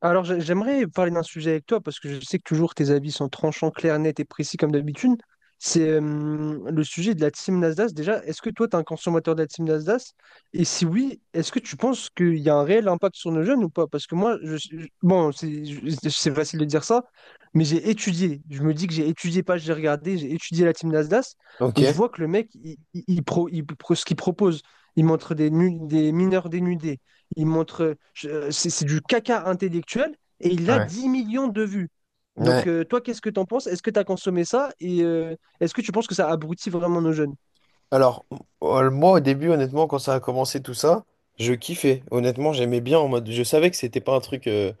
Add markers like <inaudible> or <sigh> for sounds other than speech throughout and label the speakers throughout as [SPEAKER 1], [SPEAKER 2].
[SPEAKER 1] Alors, j'aimerais parler d'un sujet avec toi parce que je sais que toujours tes avis sont tranchants, clairs, nets et précis comme d'habitude. C'est le sujet de la team Nasdaq. Déjà, est-ce que toi, tu es un consommateur de la team Nasdaq? Et si oui, est-ce que tu penses qu'il y a un réel impact sur nos jeunes ou pas? Parce que moi, bon, c'est facile de dire ça, mais j'ai étudié. Je me dis que j'ai étudié, pas j'ai regardé, j'ai étudié la team Nasdaq
[SPEAKER 2] Ok.
[SPEAKER 1] et je vois que le mec, il pro- ce qu'il propose, il montre des mineurs dénudés. Il montre, c'est du caca intellectuel et il a
[SPEAKER 2] Ouais.
[SPEAKER 1] 10 millions de vues. Donc,
[SPEAKER 2] Ouais.
[SPEAKER 1] toi, qu'est-ce que t'en penses? Est-ce que t'as consommé ça? Et est-ce que tu penses que ça abrutit vraiment nos jeunes?
[SPEAKER 2] Alors, moi, au début, honnêtement, quand ça a commencé tout ça, je kiffais. Honnêtement, j'aimais bien en mode. Je savais que c'était pas un truc euh,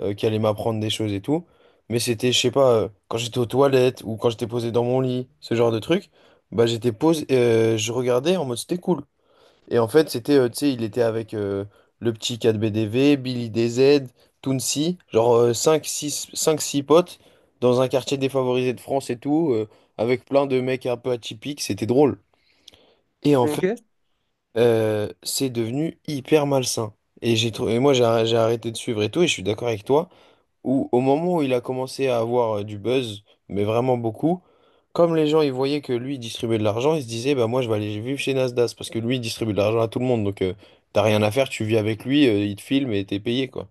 [SPEAKER 2] euh, qui allait m'apprendre des choses et tout. Mais c'était, je sais pas, quand j'étais aux toilettes ou quand j'étais posé dans mon lit, ce genre de truc, bah j'étais posé, je regardais en mode c'était cool. Et en fait, c'était, tu sais, il était avec le petit 4BDV, Billy DZ, Tounsi, genre cinq, six, cinq, six potes dans un quartier défavorisé de France et tout, avec plein de mecs un peu atypiques, c'était drôle. Et en fait,
[SPEAKER 1] Ok.
[SPEAKER 2] c'est devenu hyper malsain. Et moi, j'ai arrêté de suivre et tout, et je suis d'accord avec toi où au moment où il a commencé à avoir du buzz, mais vraiment beaucoup, comme les gens ils voyaient que lui il distribuait de l'argent, ils se disaient bah moi je vais aller vivre chez Nasdaq parce que lui il distribue de l'argent à tout le monde, donc t'as rien à faire, tu vis avec lui, il te filme et t'es payé quoi.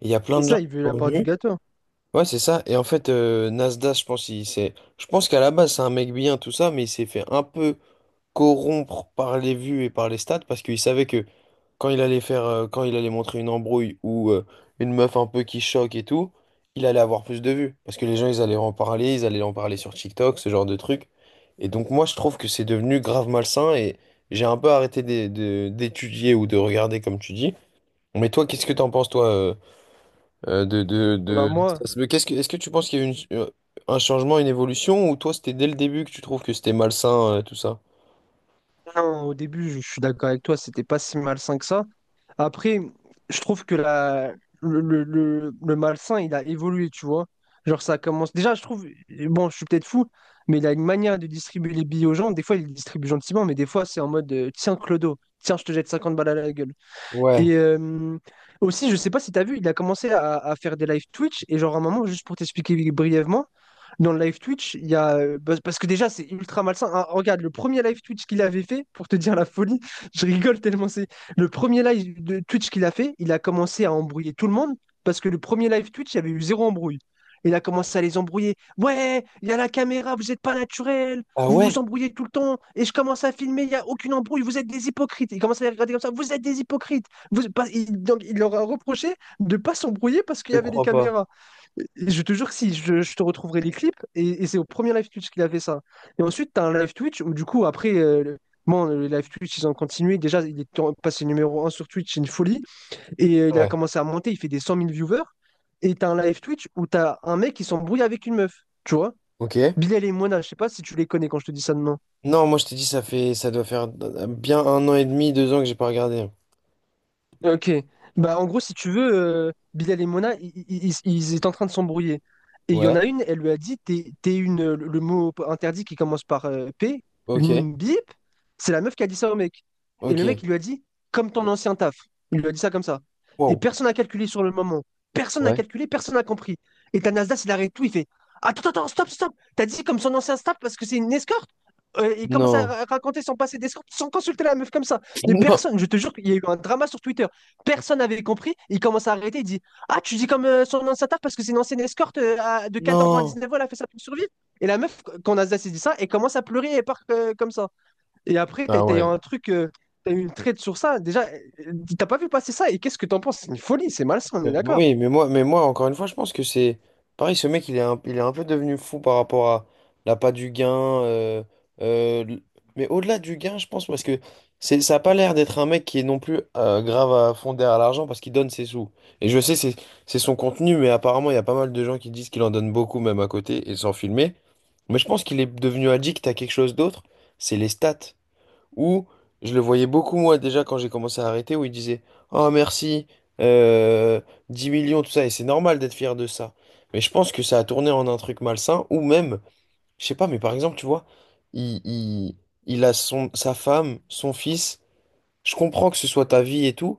[SPEAKER 2] Il y a plein
[SPEAKER 1] C'est
[SPEAKER 2] de gens
[SPEAKER 1] ça, il
[SPEAKER 2] qui
[SPEAKER 1] veut
[SPEAKER 2] sont
[SPEAKER 1] la part du
[SPEAKER 2] venus.
[SPEAKER 1] gâteau.
[SPEAKER 2] Ouais, c'est ça. Et en fait, Nasdaq, je pense, je pense qu'à la base, c'est un mec bien, tout ça, mais il s'est fait un peu corrompre par les vues et par les stats parce qu'il savait que quand il allait faire, quand il allait montrer une embrouille ou une meuf un peu qui choque et tout, il allait avoir plus de vues. Parce que les gens, ils allaient en parler, ils allaient en parler sur TikTok, ce genre de truc. Et donc, moi, je trouve que c'est devenu grave malsain et j'ai un peu arrêté d'étudier ou de regarder, comme tu dis. Mais toi, qu'est-ce que t'en penses, toi, euh, de, de,
[SPEAKER 1] Bah
[SPEAKER 2] de...
[SPEAKER 1] moi,
[SPEAKER 2] Mais est-ce que tu penses qu'il y a eu un changement, une évolution, ou toi, c'était dès le début que tu trouves que c'était malsain, tout ça?
[SPEAKER 1] non, au début, je suis d'accord avec toi, c'était pas si malsain que ça. Après, je trouve que la, le malsain, il a évolué, tu vois. Genre, ça commence. Déjà, je trouve, bon, je suis peut-être fou, mais il a une manière de distribuer les billets aux gens. Des fois, il les distribue gentiment, mais des fois, c'est en mode tiens, Clodo, tiens, je te jette 50 balles à la gueule.
[SPEAKER 2] Ouais.
[SPEAKER 1] Et aussi, je sais pas si tu as vu, il a commencé à faire des live Twitch. Et genre, à un moment, juste pour t'expliquer brièvement, dans le live Twitch, il y a. Bah, parce que déjà, c'est ultra malsain. Ah, regarde, le premier live Twitch qu'il avait fait, pour te dire la folie, <laughs> je rigole tellement c'est. Le premier live de Twitch qu'il a fait, il a commencé à embrouiller tout le monde. Parce que le premier live Twitch, il y avait eu zéro embrouille. Il a commencé à les embrouiller. Ouais, il y a la caméra, vous n'êtes pas naturel,
[SPEAKER 2] Ah
[SPEAKER 1] vous
[SPEAKER 2] ouais?
[SPEAKER 1] embrouillez tout le temps, et je commence à filmer, il n'y a aucune embrouille, vous êtes des hypocrites. Il commence à les regarder comme ça, vous êtes des hypocrites. Donc, il leur a reproché de pas s'embrouiller parce qu'il
[SPEAKER 2] Je
[SPEAKER 1] y avait les
[SPEAKER 2] crois pas.
[SPEAKER 1] caméras. Je te jure que si, je te retrouverai les clips, et c'est au premier live Twitch qu'il a fait ça. Et ensuite, tu as un live Twitch où, du coup, après, bon, le live Twitch, ils ont continué. Déjà, passé numéro un sur Twitch, c'est une folie. Et il a
[SPEAKER 2] Ouais.
[SPEAKER 1] commencé à monter, il fait des 100 000 viewers. Et tu as un live Twitch où tu as un mec qui s'embrouille avec une meuf, tu vois.
[SPEAKER 2] Ok.
[SPEAKER 1] Bilal et Moana, je sais pas si tu les connais quand je te dis ça de nom.
[SPEAKER 2] Non, moi je t'ai dit, ça fait, ça doit faire bien un an et demi, deux ans que j'ai pas regardé.
[SPEAKER 1] Ok. Bah, en gros, si tu veux, Bilal et Mona, ils étaient en train de s'embrouiller. Et il y en
[SPEAKER 2] Ouais.
[SPEAKER 1] a une, elle lui a dit, t'es une, le mot interdit qui commence par P,
[SPEAKER 2] Ok,
[SPEAKER 1] une bip, c'est la meuf qui a dit ça au mec. Et le
[SPEAKER 2] ok.
[SPEAKER 1] mec, il lui a dit, comme ton ancien taf. Il lui a dit ça comme ça. Et
[SPEAKER 2] Wow.
[SPEAKER 1] personne n'a calculé sur le moment. Personne n'a
[SPEAKER 2] Ouais.
[SPEAKER 1] calculé, personne n'a compris. Et ta Nasdaq, il arrête tout, il fait, attends, attends, stop, stop. T'as dit comme son ancien staff parce que c'est une escorte? Il commence à
[SPEAKER 2] Non.
[SPEAKER 1] raconter son passé d'escorte sans consulter la meuf comme ça.
[SPEAKER 2] <laughs>
[SPEAKER 1] Mais
[SPEAKER 2] Non.
[SPEAKER 1] personne, je te jure qu'il y a eu un drama sur Twitter. Personne n'avait compris. Il commence à arrêter. Il dit ah, tu dis comme son ancien taf parce que c'est une ancienne escorte de 14 ans à
[SPEAKER 2] Non.
[SPEAKER 1] neuf ans, elle a fait ça pour survivre. Et la meuf, quand Nasdaq s'est dit ça, elle commence à pleurer et part comme ça. Et après,
[SPEAKER 2] Ah
[SPEAKER 1] t'as eu
[SPEAKER 2] ouais.
[SPEAKER 1] un truc, t'as eu une traite sur ça. Déjà, euh, t'as pas vu passer ça. Et qu'est-ce que t'en penses? C'est une folie, c'est malsain, on est d'accord.
[SPEAKER 2] Oui, mais moi, encore une fois, je pense que c'est pareil. Ce mec, il est un peu devenu fou par rapport à l'appât du gain. Euh, l- mais au-delà du gain, je pense, parce que c'est, ça a pas l'air d'être un mec qui est non plus grave à fond derrière l'argent parce qu'il donne ses sous. Et je sais, c'est son contenu, mais apparemment, il y a pas mal de gens qui disent qu'il en donne beaucoup, même à côté, et sans filmer. Mais je pense qu'il est devenu addict à quelque chose d'autre. C'est les stats. Ou je le voyais beaucoup moi déjà quand j'ai commencé à arrêter, où il disait Oh merci, euh, 10 millions, tout ça, et c'est normal d'être fier de ça. Mais je pense que ça a tourné en un truc malsain, ou même, je sais pas, mais par exemple, tu vois, il, il, il a son, sa femme, son fils, je comprends que ce soit ta vie et tout,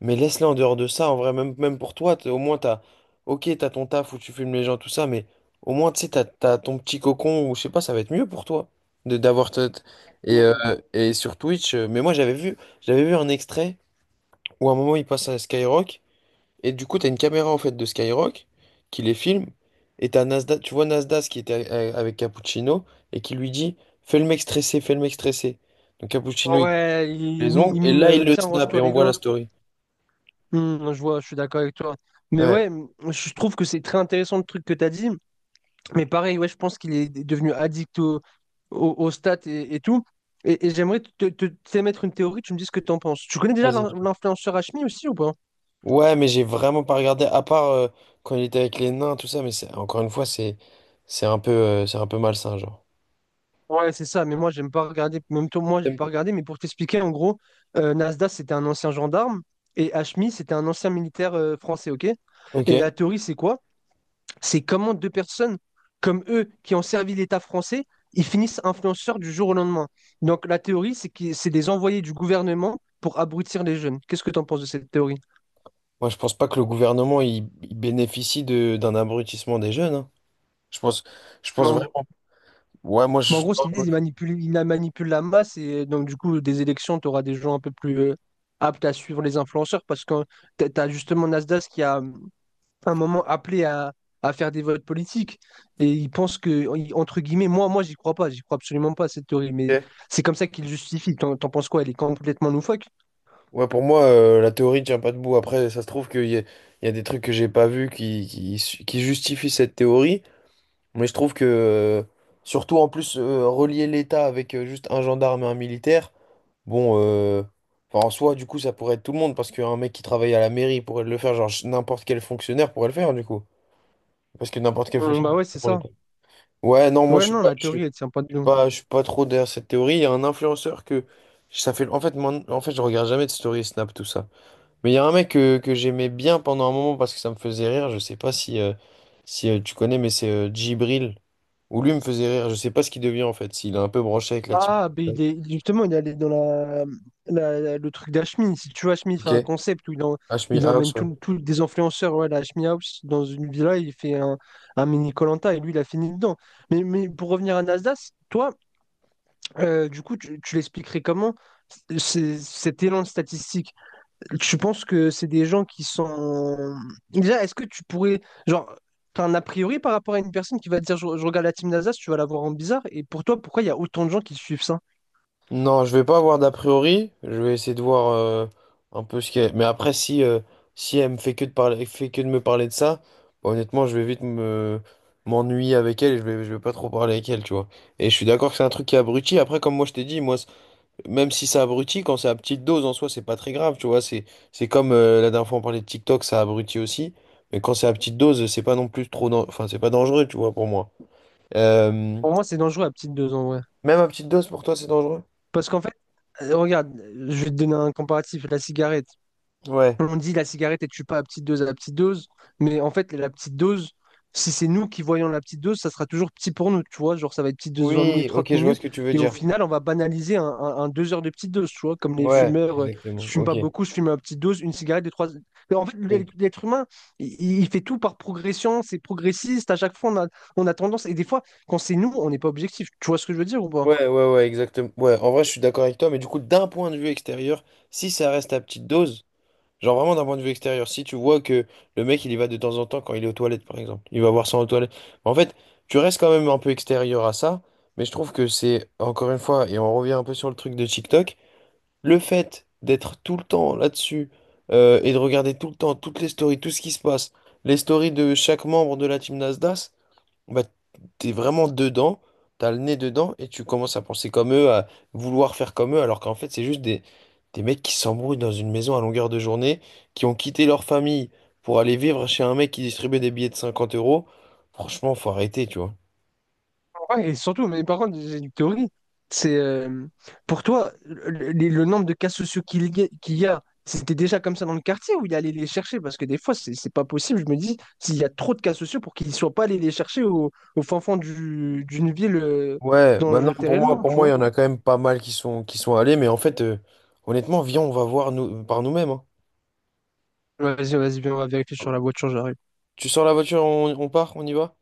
[SPEAKER 2] mais laisse-les en dehors de ça, en vrai, même, même pour toi, au moins t'as. Ok, t'as ton taf où tu filmes les gens, tout ça, mais au moins, tu sais, t'as ton petit cocon, ou je sais pas, ça va être mieux pour toi de d'avoir. Et, euh,
[SPEAKER 1] Mm.
[SPEAKER 2] et sur Twitch, mais moi j'avais vu un extrait où à un moment il passe à Skyrock, et du coup, t'as une caméra en fait de Skyrock qui les filme, et t'as Nasdaq, tu vois Nasdaq qui était avec Cappuccino, et qui lui dit, fais le mec stressé, fais le mec stressé. Donc Cappuccino, il coupe
[SPEAKER 1] Ouais,
[SPEAKER 2] les ongles,
[SPEAKER 1] il
[SPEAKER 2] et
[SPEAKER 1] mime,
[SPEAKER 2] là, il le
[SPEAKER 1] tiens,
[SPEAKER 2] snap, et
[SPEAKER 1] range-toi
[SPEAKER 2] on
[SPEAKER 1] les
[SPEAKER 2] voit la
[SPEAKER 1] doigts.
[SPEAKER 2] story.
[SPEAKER 1] Hmm, je vois, je suis d'accord avec toi. Mais ouais,
[SPEAKER 2] Ouais.
[SPEAKER 1] je trouve que c'est très intéressant le truc que tu as dit. Mais pareil, ouais, je pense qu'il est devenu addict aux stats et tout. Et j'aimerais t'émettre une théorie, tu me dis ce que tu en penses. Tu connais déjà
[SPEAKER 2] Vas-y.
[SPEAKER 1] l'influenceur Hashmi aussi ou pas?
[SPEAKER 2] Ouais, mais j'ai vraiment pas regardé, à part quand il était avec les nains, tout ça, mais c'est encore une fois, c'est un peu malsain, genre.
[SPEAKER 1] Ouais, c'est ça, mais moi, j'aime pas regarder. Même toi, moi, j'ai
[SPEAKER 2] T'aimes
[SPEAKER 1] pas
[SPEAKER 2] pas.
[SPEAKER 1] regardé, mais pour t'expliquer, en gros, Nasdaq, c'était un ancien gendarme et Hashmi, c'était un ancien militaire français, ok? Et
[SPEAKER 2] Ok.
[SPEAKER 1] la théorie, c'est quoi? C'est comment deux personnes comme eux qui ont servi l'État français, ils finissent influenceurs du jour au lendemain. Donc la théorie, c'est que c'est des envoyés du gouvernement pour abrutir les jeunes. Qu'est-ce que tu en penses de cette théorie?
[SPEAKER 2] Moi, je pense pas que le gouvernement il bénéficie de d'un abrutissement des jeunes. Hein. Je pense,
[SPEAKER 1] Mais en,
[SPEAKER 2] vraiment. Ouais, moi,
[SPEAKER 1] mais en
[SPEAKER 2] je.
[SPEAKER 1] gros, ce qu'ils disent, ils manipulent, ils la manipulent la masse et donc du coup, des élections, tu auras des gens un peu plus aptes à suivre les influenceurs parce que tu as justement Nasdaq qui a un moment appelé à faire des votes politiques. Et ils pensent que, entre guillemets, moi, j'y crois pas, j'y crois absolument pas à cette théorie, mais
[SPEAKER 2] Ok.
[SPEAKER 1] c'est comme ça qu'ils justifient. T'en penses quoi? Elle est complètement loufoque?
[SPEAKER 2] Ouais, pour moi, la théorie tient pas debout. Après, ça se trouve qu'il y a, il y a des trucs que j'ai pas vus qui justifient cette théorie. Mais je trouve que, surtout en plus, relier l'État avec juste un gendarme et un militaire, bon, enfin, en soi, du coup, ça pourrait être tout le monde, parce qu'un mec qui travaille à la mairie pourrait le faire, genre n'importe quel fonctionnaire pourrait le faire, du coup. Parce que n'importe quel
[SPEAKER 1] Bah
[SPEAKER 2] fonctionnaire
[SPEAKER 1] ouais,
[SPEAKER 2] c'est
[SPEAKER 1] c'est
[SPEAKER 2] pour
[SPEAKER 1] ça.
[SPEAKER 2] l'État. Ouais, non, moi,
[SPEAKER 1] Ouais, non, la théorie, elle tient pas de nous.
[SPEAKER 2] je suis pas trop derrière cette théorie. Il y a un influenceur que. Ça fait, en fait, je regarde jamais de story Snap, tout ça. Mais il y a un mec que j'aimais bien pendant un moment parce que ça me faisait rire. Je sais pas si, tu connais, mais c'est Djibril. Ou lui me faisait rire, je sais pas ce qu'il devient en fait, s'il est un peu branché avec la type.
[SPEAKER 1] Ah, ben il est, justement, il est allé dans le truc d'Hashmi. Si tu vois, Hashmi, il fait
[SPEAKER 2] Ok,
[SPEAKER 1] un concept où
[SPEAKER 2] HMI
[SPEAKER 1] il
[SPEAKER 2] House,
[SPEAKER 1] emmène
[SPEAKER 2] ouais.
[SPEAKER 1] tous des influenceurs ouais, à la Hashmi House dans une villa, il fait un mini koh et lui, il a fini dedans. Mais pour revenir à Nasdaq, toi, du coup, tu l'expliquerais comment cet élan de statistique? Tu penses que c'est des gens qui sont. Déjà, est-ce que tu pourrais. Genre, t'as un a priori par rapport à une personne qui va te dire je regarde la team Nasdaq, tu vas la voir en bizarre. Et pour toi, pourquoi il y a autant de gens qui suivent ça?
[SPEAKER 2] Non, je vais pas avoir d'a priori, je vais essayer de voir un peu ce qu'elle... Mais après, si elle me fait que de parler, fait que de me parler de ça, bah, honnêtement, je vais vite me m'ennuyer avec elle et je vais pas trop parler avec elle, tu vois. Et je suis d'accord que c'est un truc qui abrutit. Après, comme moi je t'ai dit, moi, même si ça abrutit, quand c'est à petite dose, en soi, c'est pas très grave, tu vois. C'est comme la dernière fois on parlait de TikTok, ça abrutit aussi. Mais quand c'est à petite dose, c'est pas non plus trop, enfin, c'est pas dangereux, tu vois, pour moi. Euh,
[SPEAKER 1] Pour moi, c'est dangereux la petite dose en vrai.
[SPEAKER 2] Même à petite dose, pour toi, c'est dangereux?
[SPEAKER 1] Parce qu'en fait, regarde, je vais te donner un comparatif, la cigarette.
[SPEAKER 2] Ouais.
[SPEAKER 1] On dit la cigarette ne tue pas à petite dose, à petite dose, mais en fait, la petite dose, si c'est nous qui voyons la petite dose, ça sera toujours petit pour nous, tu vois. Genre, ça va être petite dose 20 minutes,
[SPEAKER 2] Oui,
[SPEAKER 1] 30
[SPEAKER 2] ok, je vois ce
[SPEAKER 1] minutes,
[SPEAKER 2] que tu veux
[SPEAKER 1] et au
[SPEAKER 2] dire.
[SPEAKER 1] final, on va banaliser un 2 heures de petite dose, tu vois. Comme les
[SPEAKER 2] Ouais,
[SPEAKER 1] fumeurs, je
[SPEAKER 2] exactement.
[SPEAKER 1] fume
[SPEAKER 2] Ok.
[SPEAKER 1] pas beaucoup, je fume à petite dose, une cigarette de trois. Mais en fait,
[SPEAKER 2] Oui.
[SPEAKER 1] l'être humain, il fait tout par progression, c'est progressiste, à chaque fois, on a tendance, et des fois, quand c'est nous, on n'est pas objectif. Tu vois ce que je veux dire ou pas?
[SPEAKER 2] Ouais, ouais, ouais, exactement. Ouais, en vrai, je suis d'accord avec toi, mais du coup, d'un point de vue extérieur, si ça reste à petite dose, genre vraiment d'un point de vue extérieur. Si tu vois que le mec il y va de temps en temps quand il est aux toilettes par exemple, il va voir ça aux toilettes. En fait, tu restes quand même un peu extérieur à ça, mais je trouve que c'est encore une fois, et on revient un peu sur le truc de TikTok, le fait d'être tout le temps là-dessus et de regarder tout le temps toutes les stories, tout ce qui se passe, les stories de chaque membre de la team Nasdaq, bah, t'es vraiment dedans, t'as le nez dedans et tu commences à penser comme eux, à vouloir faire comme eux, alors qu'en fait, c'est juste des mecs qui s'embrouillent dans une maison à longueur de journée, qui ont quitté leur famille pour aller vivre chez un mec qui distribuait des billets de 50 euros. Franchement, faut arrêter, tu vois.
[SPEAKER 1] Ouais, et surtout, mais par contre, j'ai une théorie. C'est pour toi, le nombre de cas sociaux qu'il y a, c'était déjà comme ça dans le quartier ou il allait les chercher? Parce que des fois, c'est pas possible. Je me dis, s'il y a trop de cas sociaux pour qu'ils ne soient pas allés les chercher au fin fond d'une ville
[SPEAKER 2] Ouais, bah
[SPEAKER 1] dont
[SPEAKER 2] non,
[SPEAKER 1] je t'ai
[SPEAKER 2] pour moi,
[SPEAKER 1] réellement, tu vois.
[SPEAKER 2] il y en a quand même pas mal qui sont allés, mais en fait, honnêtement, viens, on va voir nous, par nous-mêmes. Hein.
[SPEAKER 1] Ouais, vas-y, vas-y, viens, on va vérifier sur la voiture, j'arrive.
[SPEAKER 2] Tu sors la voiture, on part, on y va?